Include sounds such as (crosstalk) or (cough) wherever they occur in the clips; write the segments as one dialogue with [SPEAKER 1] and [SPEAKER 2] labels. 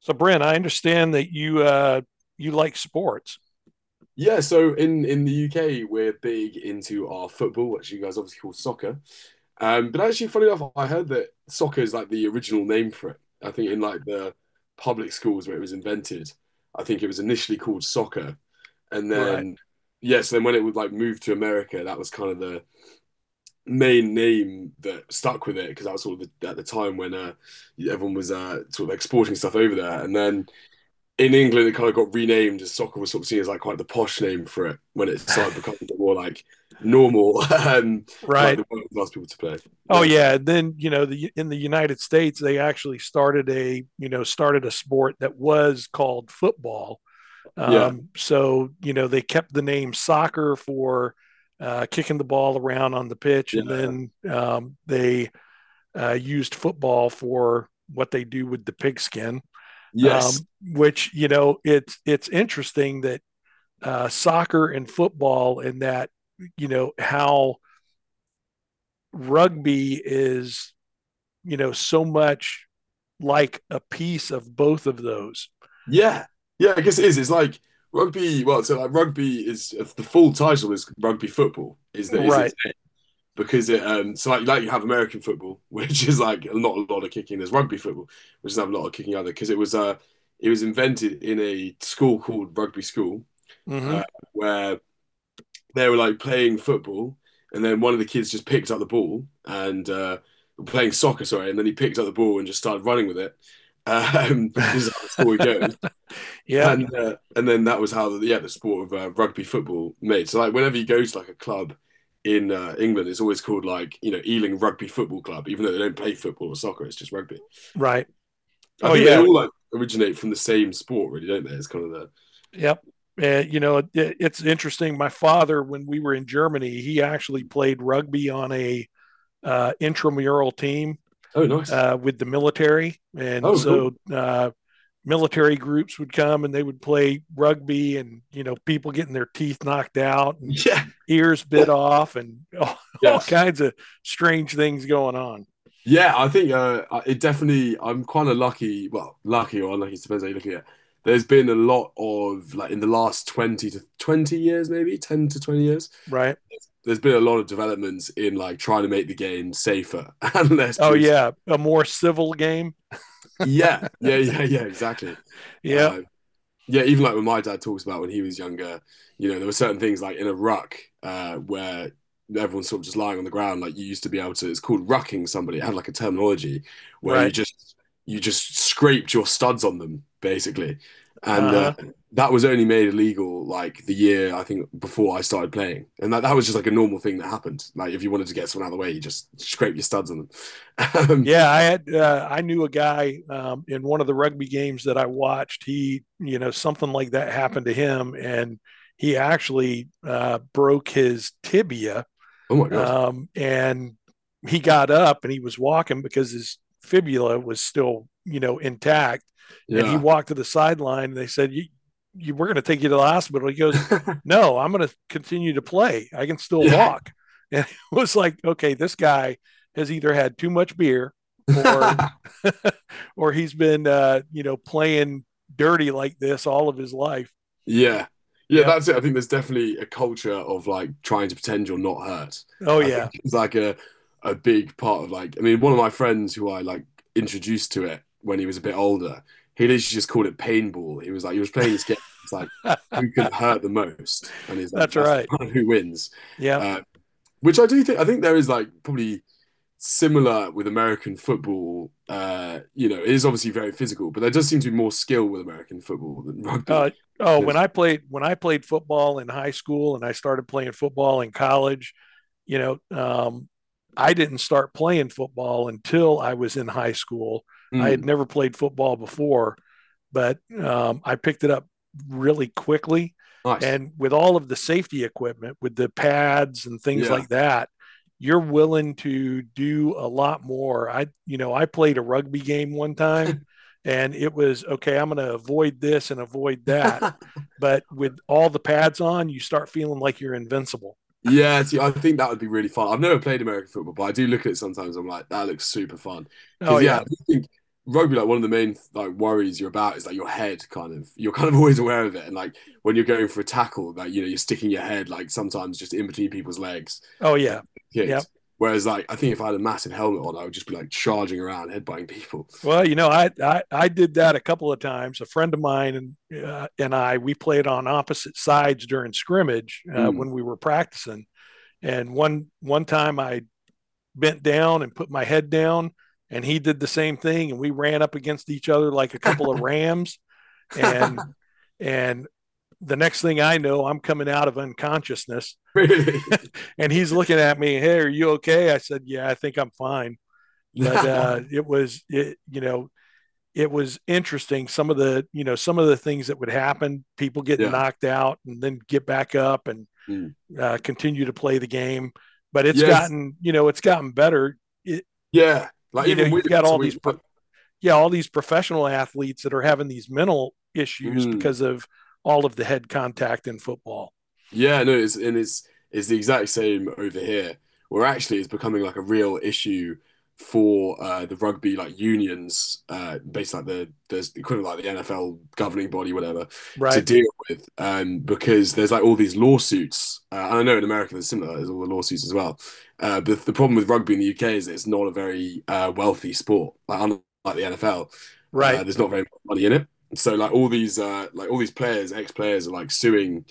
[SPEAKER 1] So, Brent, I understand that you you like sports.
[SPEAKER 2] Yeah, so in the UK, we're big into our football, which you guys obviously call soccer. But actually, funny enough, I heard that soccer is like the original name for it. I think in like the public schools where it was invented, I think it was initially called soccer, and
[SPEAKER 1] Right,
[SPEAKER 2] then, yeah, so then when it would like move to America, that was kind of the main name that stuck with it because that was sort of the, at the time when everyone was sort of exporting stuff over there, and then in England, it kind of got renamed as soccer was sort of seen as like quite the posh name for it when it started becoming more like normal (laughs) for like
[SPEAKER 1] right.
[SPEAKER 2] the working class people to play.
[SPEAKER 1] Oh
[SPEAKER 2] Yeah,
[SPEAKER 1] yeah, and then you know the in the United States they actually started a you know started a sport that was called football.
[SPEAKER 2] yeah,
[SPEAKER 1] So they kept the name soccer for kicking the ball around on the pitch, and
[SPEAKER 2] yeah,
[SPEAKER 1] then they used football for what they do with the pigskin,
[SPEAKER 2] yes,
[SPEAKER 1] which it's interesting that soccer and football, and that you know how rugby is so much like a piece of both of those.
[SPEAKER 2] yeah, yeah. I guess it is. It's like rugby. Well, so like rugby is, the full title is rugby football. Is it
[SPEAKER 1] Right.
[SPEAKER 2] because it so like you have American football, (laughs) which is like not a lot of kicking. There's rugby football, which doesn't have a lot of kicking either because it was invented in a school called rugby school,
[SPEAKER 1] Mm-hmm.
[SPEAKER 2] uh, where they were like playing football, and then one of the kids just picked up the ball and, playing soccer, sorry, and then he picked up the ball and just started running with it. (laughs) This is how the story goes,
[SPEAKER 1] Yep.
[SPEAKER 2] and and then that was how yeah, the sport of rugby football made. So like whenever you go to like a club in, England, it's always called, like, you know, Ealing Rugby Football Club, even though they don't play football or soccer, it's just rugby.
[SPEAKER 1] Right.
[SPEAKER 2] I
[SPEAKER 1] Oh
[SPEAKER 2] think they
[SPEAKER 1] yeah.
[SPEAKER 2] all like originate from the same sport, really, don't they? It's kind of the
[SPEAKER 1] Yep. It's interesting. My father, when we were in Germany, he actually played rugby on a intramural team
[SPEAKER 2] oh, nice,
[SPEAKER 1] with the military, and
[SPEAKER 2] oh, cool,
[SPEAKER 1] so military groups would come and they would play rugby, and people getting their teeth knocked out and
[SPEAKER 2] yeah,
[SPEAKER 1] ears bit
[SPEAKER 2] (laughs)
[SPEAKER 1] off, and (laughs) all
[SPEAKER 2] yeah.
[SPEAKER 1] kinds of strange things going on.
[SPEAKER 2] Yeah, I think, it definitely. I'm kind of lucky. Well, lucky or unlucky, it depends how you look at it. There's been a lot of, like, in the last 20 to 20 years, maybe 10 to 20 years.
[SPEAKER 1] Right?
[SPEAKER 2] There's been a lot of developments in like trying to make the game safer (laughs) and less
[SPEAKER 1] Oh
[SPEAKER 2] brutal.
[SPEAKER 1] yeah, a more civil game.
[SPEAKER 2] Yeah, yeah, yeah, yeah, exactly.
[SPEAKER 1] Yeah,
[SPEAKER 2] Uh, yeah, even like when my dad talks about when he was younger, you know, there were certain things like in a ruck, where everyone's sort of just lying on the ground. Like you used to be able to, it's called rucking somebody. It had like a terminology where you
[SPEAKER 1] right.
[SPEAKER 2] just you just scraped your studs on them, basically,
[SPEAKER 1] Uh
[SPEAKER 2] and
[SPEAKER 1] huh.
[SPEAKER 2] that was only made illegal like the year I think before I started playing, and that was just like a normal thing that happened. Like if you wanted to get someone out of the way, you just scrape your studs on them. (laughs) um,
[SPEAKER 1] Yeah, I knew a guy in one of the rugby games that I watched. Something like that happened to him, and he actually broke his tibia.
[SPEAKER 2] oh my god.
[SPEAKER 1] And he got up and he was walking because his fibula was still, intact. And he
[SPEAKER 2] Yeah,
[SPEAKER 1] walked to the sideline. And they said, we're going to take you to the hospital. He goes,
[SPEAKER 2] (laughs)
[SPEAKER 1] no, I'm going to continue to play. I can still
[SPEAKER 2] yeah.
[SPEAKER 1] walk. (laughs) And it was like, okay, this guy has either had too much beer or
[SPEAKER 2] (laughs)
[SPEAKER 1] (laughs) or he's been playing dirty like this all of his life.
[SPEAKER 2] Yeah. Yeah,
[SPEAKER 1] Yeah.
[SPEAKER 2] that's it. I think there's definitely a culture of like trying to pretend you're not hurt.
[SPEAKER 1] Oh
[SPEAKER 2] I think
[SPEAKER 1] yeah.
[SPEAKER 2] (laughs) it's like a big part of, like, I mean, one of my friends who I like introduced to it when he was a bit older, he literally just called it paintball. He was playing this game. It's like who can hurt the most, and he's like
[SPEAKER 1] That's
[SPEAKER 2] that's the (laughs)
[SPEAKER 1] right.
[SPEAKER 2] one who wins.
[SPEAKER 1] Yeah.
[SPEAKER 2] Uh, which I think there is, like, probably similar with American football. You know, it is obviously very physical, but there does seem to be more skill with American football than rugby.
[SPEAKER 1] Uh, oh,
[SPEAKER 2] So
[SPEAKER 1] when I played football in high school, and I started playing football in college, you know, um, I didn't start playing football until I was in high school. I had
[SPEAKER 2] Mm,
[SPEAKER 1] never played football before, but I picked it up really quickly.
[SPEAKER 2] nice.
[SPEAKER 1] And with all of the safety equipment, with the pads and things
[SPEAKER 2] Yeah.
[SPEAKER 1] like that, you're willing to do a lot more. I played a rugby game one time, and it was okay, I'm going to avoid this and avoid that.
[SPEAKER 2] (laughs)
[SPEAKER 1] But with all the pads on, you start feeling like you're invincible.
[SPEAKER 2] Yeah, see, I think that would be really fun. I've never played American football, but I do look at it sometimes. I'm like, that looks super fun.
[SPEAKER 1] Oh,
[SPEAKER 2] Because, yeah, I
[SPEAKER 1] yeah.
[SPEAKER 2] do think rugby, like, one of the main like worries you're about is like your head you're kind of (laughs) always aware of it. And like when you're going for a tackle, like, you know, you're sticking your head like sometimes just in between people's legs
[SPEAKER 1] Oh,
[SPEAKER 2] and
[SPEAKER 1] yeah.
[SPEAKER 2] you get
[SPEAKER 1] Yeah.
[SPEAKER 2] kicked. Whereas like I think if I had a massive helmet on, I would just be like charging around, headbutting people.
[SPEAKER 1] Well, I did that a couple of times. A friend of mine and I we played on opposite sides during scrimmage
[SPEAKER 2] Mm.
[SPEAKER 1] when we were practicing. And one time I bent down and put my head down, and he did the same thing, and we ran up against each other like a couple of rams. And
[SPEAKER 2] (laughs)
[SPEAKER 1] and the next thing I know, I'm coming out of unconsciousness,
[SPEAKER 2] Really?
[SPEAKER 1] (laughs) and he's looking at me. Hey, are you okay? I said, yeah, I think I'm fine. But
[SPEAKER 2] (laughs)
[SPEAKER 1] it was, it was interesting. Some of the things that would happen, people getting
[SPEAKER 2] Yeah.
[SPEAKER 1] knocked out and then get back up and
[SPEAKER 2] Mm.
[SPEAKER 1] continue to play the game, but it's
[SPEAKER 2] Yes.
[SPEAKER 1] gotten you know it's gotten better. It,
[SPEAKER 2] Yeah, like
[SPEAKER 1] you know
[SPEAKER 2] even we,
[SPEAKER 1] you've got
[SPEAKER 2] so
[SPEAKER 1] all these
[SPEAKER 2] we
[SPEAKER 1] pro-
[SPEAKER 2] like,
[SPEAKER 1] yeah all these professional athletes that are having these mental issues
[SPEAKER 2] mm.
[SPEAKER 1] because of all of the head contact in football.
[SPEAKER 2] Yeah, no, it's and it's it's the exact same over here, where actually it's becoming like a real issue for, the rugby, like, unions, based like the there's the equivalent like the NFL governing body, whatever, to
[SPEAKER 1] Right.
[SPEAKER 2] deal with, because there's like all these lawsuits. And I know in America there's similar, there's all the lawsuits as well. But the problem with rugby in the UK is that it's not a very, wealthy sport, like unlike the NFL.
[SPEAKER 1] Right.
[SPEAKER 2] There's not very much money in it. So like all these players, ex players are like suing,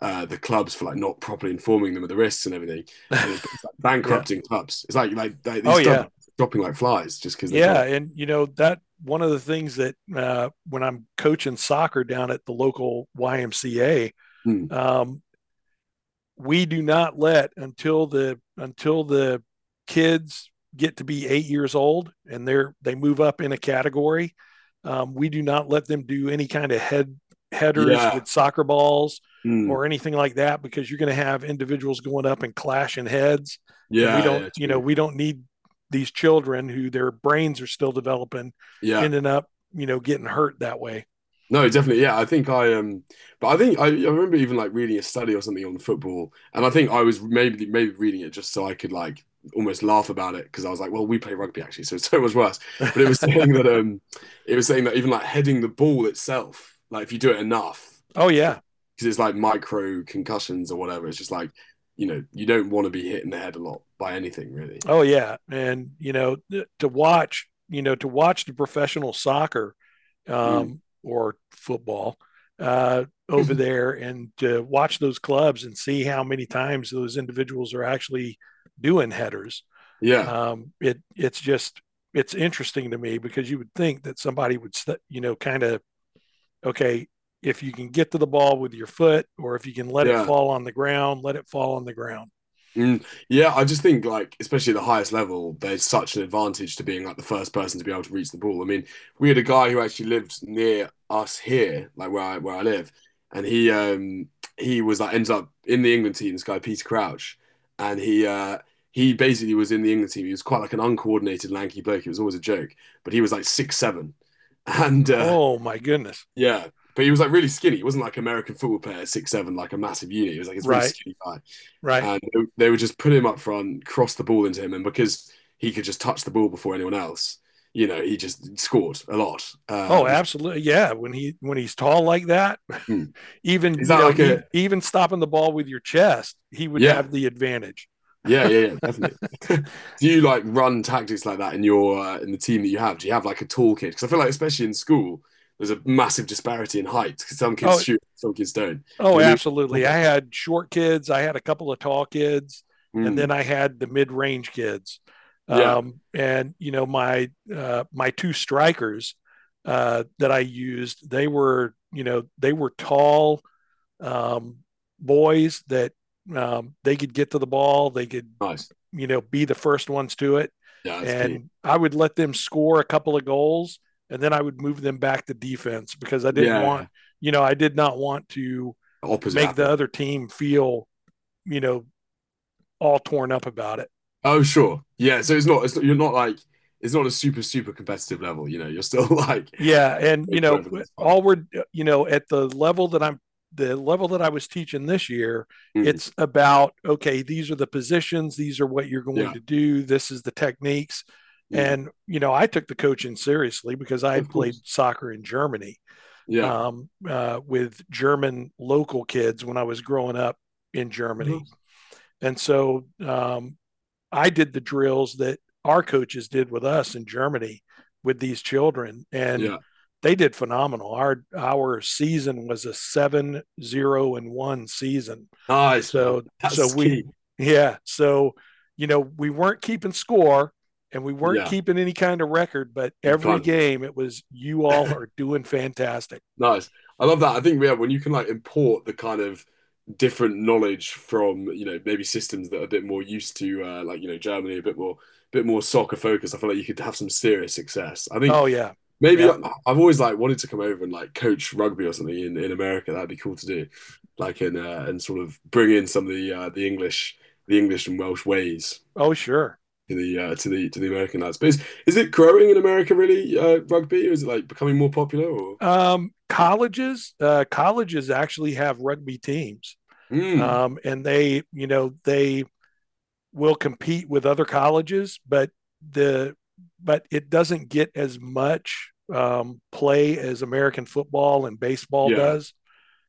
[SPEAKER 2] the clubs for like not properly informing them of the risks and everything, and it's like
[SPEAKER 1] (laughs) Yeah.
[SPEAKER 2] bankrupting clubs. It's like they,
[SPEAKER 1] Oh
[SPEAKER 2] these clubs are
[SPEAKER 1] yeah.
[SPEAKER 2] dropping like flies just because they can't.
[SPEAKER 1] Yeah,
[SPEAKER 2] Afford.
[SPEAKER 1] and you know that one of the things, that when I'm coaching soccer down at the local YMCA,
[SPEAKER 2] Mm,
[SPEAKER 1] um, we do not let, until the kids get to be 8 years old and they move up in a category, we do not let them do any kind of headers
[SPEAKER 2] yeah,
[SPEAKER 1] with soccer balls
[SPEAKER 2] mm,
[SPEAKER 1] or anything like that, because you're going to have individuals going up and clashing heads, and we
[SPEAKER 2] yeah,
[SPEAKER 1] don't
[SPEAKER 2] yeah,
[SPEAKER 1] you know
[SPEAKER 2] true.
[SPEAKER 1] we don't need these children, who their brains are still developing,
[SPEAKER 2] Yeah,
[SPEAKER 1] ending up getting hurt that way.
[SPEAKER 2] no, definitely. Yeah, I think I but I think I remember even like reading a study or something on football, and I think I was maybe reading it just so I could like almost laugh about it because I was like, well, we play rugby actually, so it's so much worse. But it was (laughs)
[SPEAKER 1] (laughs)
[SPEAKER 2] saying that, even like heading the ball itself, like, if you do it enough,
[SPEAKER 1] Oh
[SPEAKER 2] because
[SPEAKER 1] yeah.
[SPEAKER 2] it's like micro concussions or whatever, it's just like, you know, you don't want to be hit in the head a lot by anything really.
[SPEAKER 1] Oh yeah, and to watch the professional soccer,
[SPEAKER 2] Mm.
[SPEAKER 1] or football over
[SPEAKER 2] (laughs)
[SPEAKER 1] there, and to watch those clubs and see how many times those individuals are actually doing headers.
[SPEAKER 2] Yeah,
[SPEAKER 1] It it's just it's interesting to me, because you would think that somebody would, kind of, okay, if you can get to the ball with your foot, or if you can let it
[SPEAKER 2] yeah.
[SPEAKER 1] fall on the ground, let it fall on the ground.
[SPEAKER 2] Mm, yeah, I just think like, especially at the highest level, there's such an advantage to being like the first person to be able to reach the ball. I mean, we had a guy who actually lived near us here, like where I live, and he was like ends up in the England team. This guy, Peter Crouch, and he basically was in the England team. He was quite like an uncoordinated lanky bloke. It was always a joke, but he was like 6'7", (laughs) and
[SPEAKER 1] Oh my goodness!
[SPEAKER 2] yeah, but he was like really skinny. He wasn't like American football player 6'7", like a massive unit. He was like this really
[SPEAKER 1] Right,
[SPEAKER 2] skinny guy,
[SPEAKER 1] right.
[SPEAKER 2] and they would just put him up front, cross the ball into him, and because he could just touch the ball before anyone else, you know, he just scored a lot.
[SPEAKER 1] Oh,
[SPEAKER 2] Which
[SPEAKER 1] absolutely. Yeah, when he's tall like that,
[SPEAKER 2] Hmm.
[SPEAKER 1] even
[SPEAKER 2] is
[SPEAKER 1] you
[SPEAKER 2] that
[SPEAKER 1] know,
[SPEAKER 2] like
[SPEAKER 1] ev-
[SPEAKER 2] a
[SPEAKER 1] even stopping the ball with your chest, he would
[SPEAKER 2] yeah,
[SPEAKER 1] have the advantage.
[SPEAKER 2] yeah, yeah, yeah, definitely. (laughs) Do you like run tactics like that in, your in the team that you have? Do you have like a tall kid? Because I feel like, especially in school, there's a massive disparity in height. 'Cause some kids
[SPEAKER 1] Oh,
[SPEAKER 2] shoot, some kids don't.
[SPEAKER 1] oh,
[SPEAKER 2] You know, maybe.
[SPEAKER 1] absolutely. I had short kids, I had a couple of tall kids, and
[SPEAKER 2] Hmm.
[SPEAKER 1] then I had the mid-range kids.
[SPEAKER 2] Yeah,
[SPEAKER 1] And my two strikers that I used, they were tall, um, boys that, they could get to the ball, they could,
[SPEAKER 2] nice.
[SPEAKER 1] be the first ones to it.
[SPEAKER 2] Yeah, that's key.
[SPEAKER 1] And I would let them score a couple of goals, and then I would move them back to defense, because
[SPEAKER 2] Yeah, yeah, yeah.
[SPEAKER 1] I did not want to
[SPEAKER 2] Opposite
[SPEAKER 1] make the
[SPEAKER 2] happening.
[SPEAKER 1] other team feel, you know, all torn up about it.
[SPEAKER 2] Oh, sure. Yeah. So it's not, you're not like, it's not a super, super competitive level. You know, you're still (laughs) like,
[SPEAKER 1] Yeah, and you
[SPEAKER 2] it's
[SPEAKER 1] know
[SPEAKER 2] wherever that's fun.
[SPEAKER 1] all we're you know at the level that I'm the level that I was teaching this year,
[SPEAKER 2] Mm,
[SPEAKER 1] it's about, okay, these are the positions, these are what you're going
[SPEAKER 2] yeah.
[SPEAKER 1] to do, this is the techniques.
[SPEAKER 2] Mm.
[SPEAKER 1] And I took the coaching seriously because I
[SPEAKER 2] Oh, of
[SPEAKER 1] had played
[SPEAKER 2] course.
[SPEAKER 1] soccer in Germany,
[SPEAKER 2] Yeah.
[SPEAKER 1] with German local kids when I was growing up in
[SPEAKER 2] Of
[SPEAKER 1] Germany.
[SPEAKER 2] course.
[SPEAKER 1] And so I did the drills that our coaches did with us in Germany with these children, and
[SPEAKER 2] Yeah.
[SPEAKER 1] they did phenomenal. Our season was a 7-0-1 season.
[SPEAKER 2] Nice, man.
[SPEAKER 1] so so
[SPEAKER 2] That's
[SPEAKER 1] we
[SPEAKER 2] key.
[SPEAKER 1] yeah so you know we weren't keeping score and we weren't
[SPEAKER 2] Yeah.
[SPEAKER 1] keeping any kind of record, but
[SPEAKER 2] You
[SPEAKER 1] every
[SPEAKER 2] kind of were.
[SPEAKER 1] game it was you all are doing fantastic.
[SPEAKER 2] Nice. I love that. I think, yeah, when you can like import the kind of different knowledge from, you know, maybe systems that are a bit more used to, like, you know, Germany, a bit more soccer focused, I feel like you could have some serious success. I think.
[SPEAKER 1] Oh yeah,
[SPEAKER 2] Maybe
[SPEAKER 1] yeah.
[SPEAKER 2] I've always like wanted to come over and like coach rugby or something in, America. That'd be cool to do, like in and sort of bring in some of the English and Welsh ways
[SPEAKER 1] Oh sure.
[SPEAKER 2] to the to the to the American lads. But is it growing in America, really, rugby, or is it like becoming more popular? Or
[SPEAKER 1] Colleges actually have rugby teams,
[SPEAKER 2] Mm,
[SPEAKER 1] and they you know they will compete with other colleges, but the but it doesn't get as much play as American football and baseball
[SPEAKER 2] yeah,
[SPEAKER 1] does.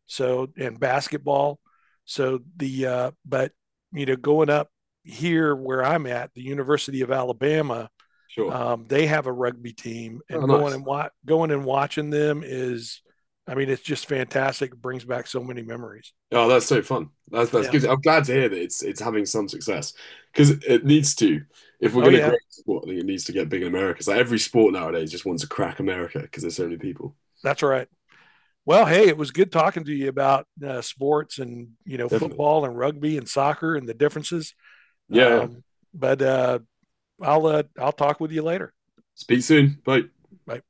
[SPEAKER 1] So and basketball. So the but you know going up here where I'm at, the University of Alabama,
[SPEAKER 2] sure.
[SPEAKER 1] they have a rugby team, and
[SPEAKER 2] Oh,
[SPEAKER 1] going
[SPEAKER 2] nice.
[SPEAKER 1] and wa- going and watching them is, I mean, it's just fantastic. It brings back so many memories.
[SPEAKER 2] Oh, that's so fun. That's
[SPEAKER 1] Yeah.
[SPEAKER 2] good. I'm glad to hear that it's having some success because it needs to. If we're
[SPEAKER 1] Oh
[SPEAKER 2] going to grow
[SPEAKER 1] yeah,
[SPEAKER 2] the sport, I think it needs to get big in America. It's like every sport nowadays just wants to crack America because there's so many people.
[SPEAKER 1] that's right. Well, hey, it was good talking to you about sports, and
[SPEAKER 2] Definitely.
[SPEAKER 1] football and rugby and soccer and the differences.
[SPEAKER 2] Yeah, yeah.
[SPEAKER 1] Um, but I'll talk with you later.
[SPEAKER 2] Speak soon. Bye.
[SPEAKER 1] Bye.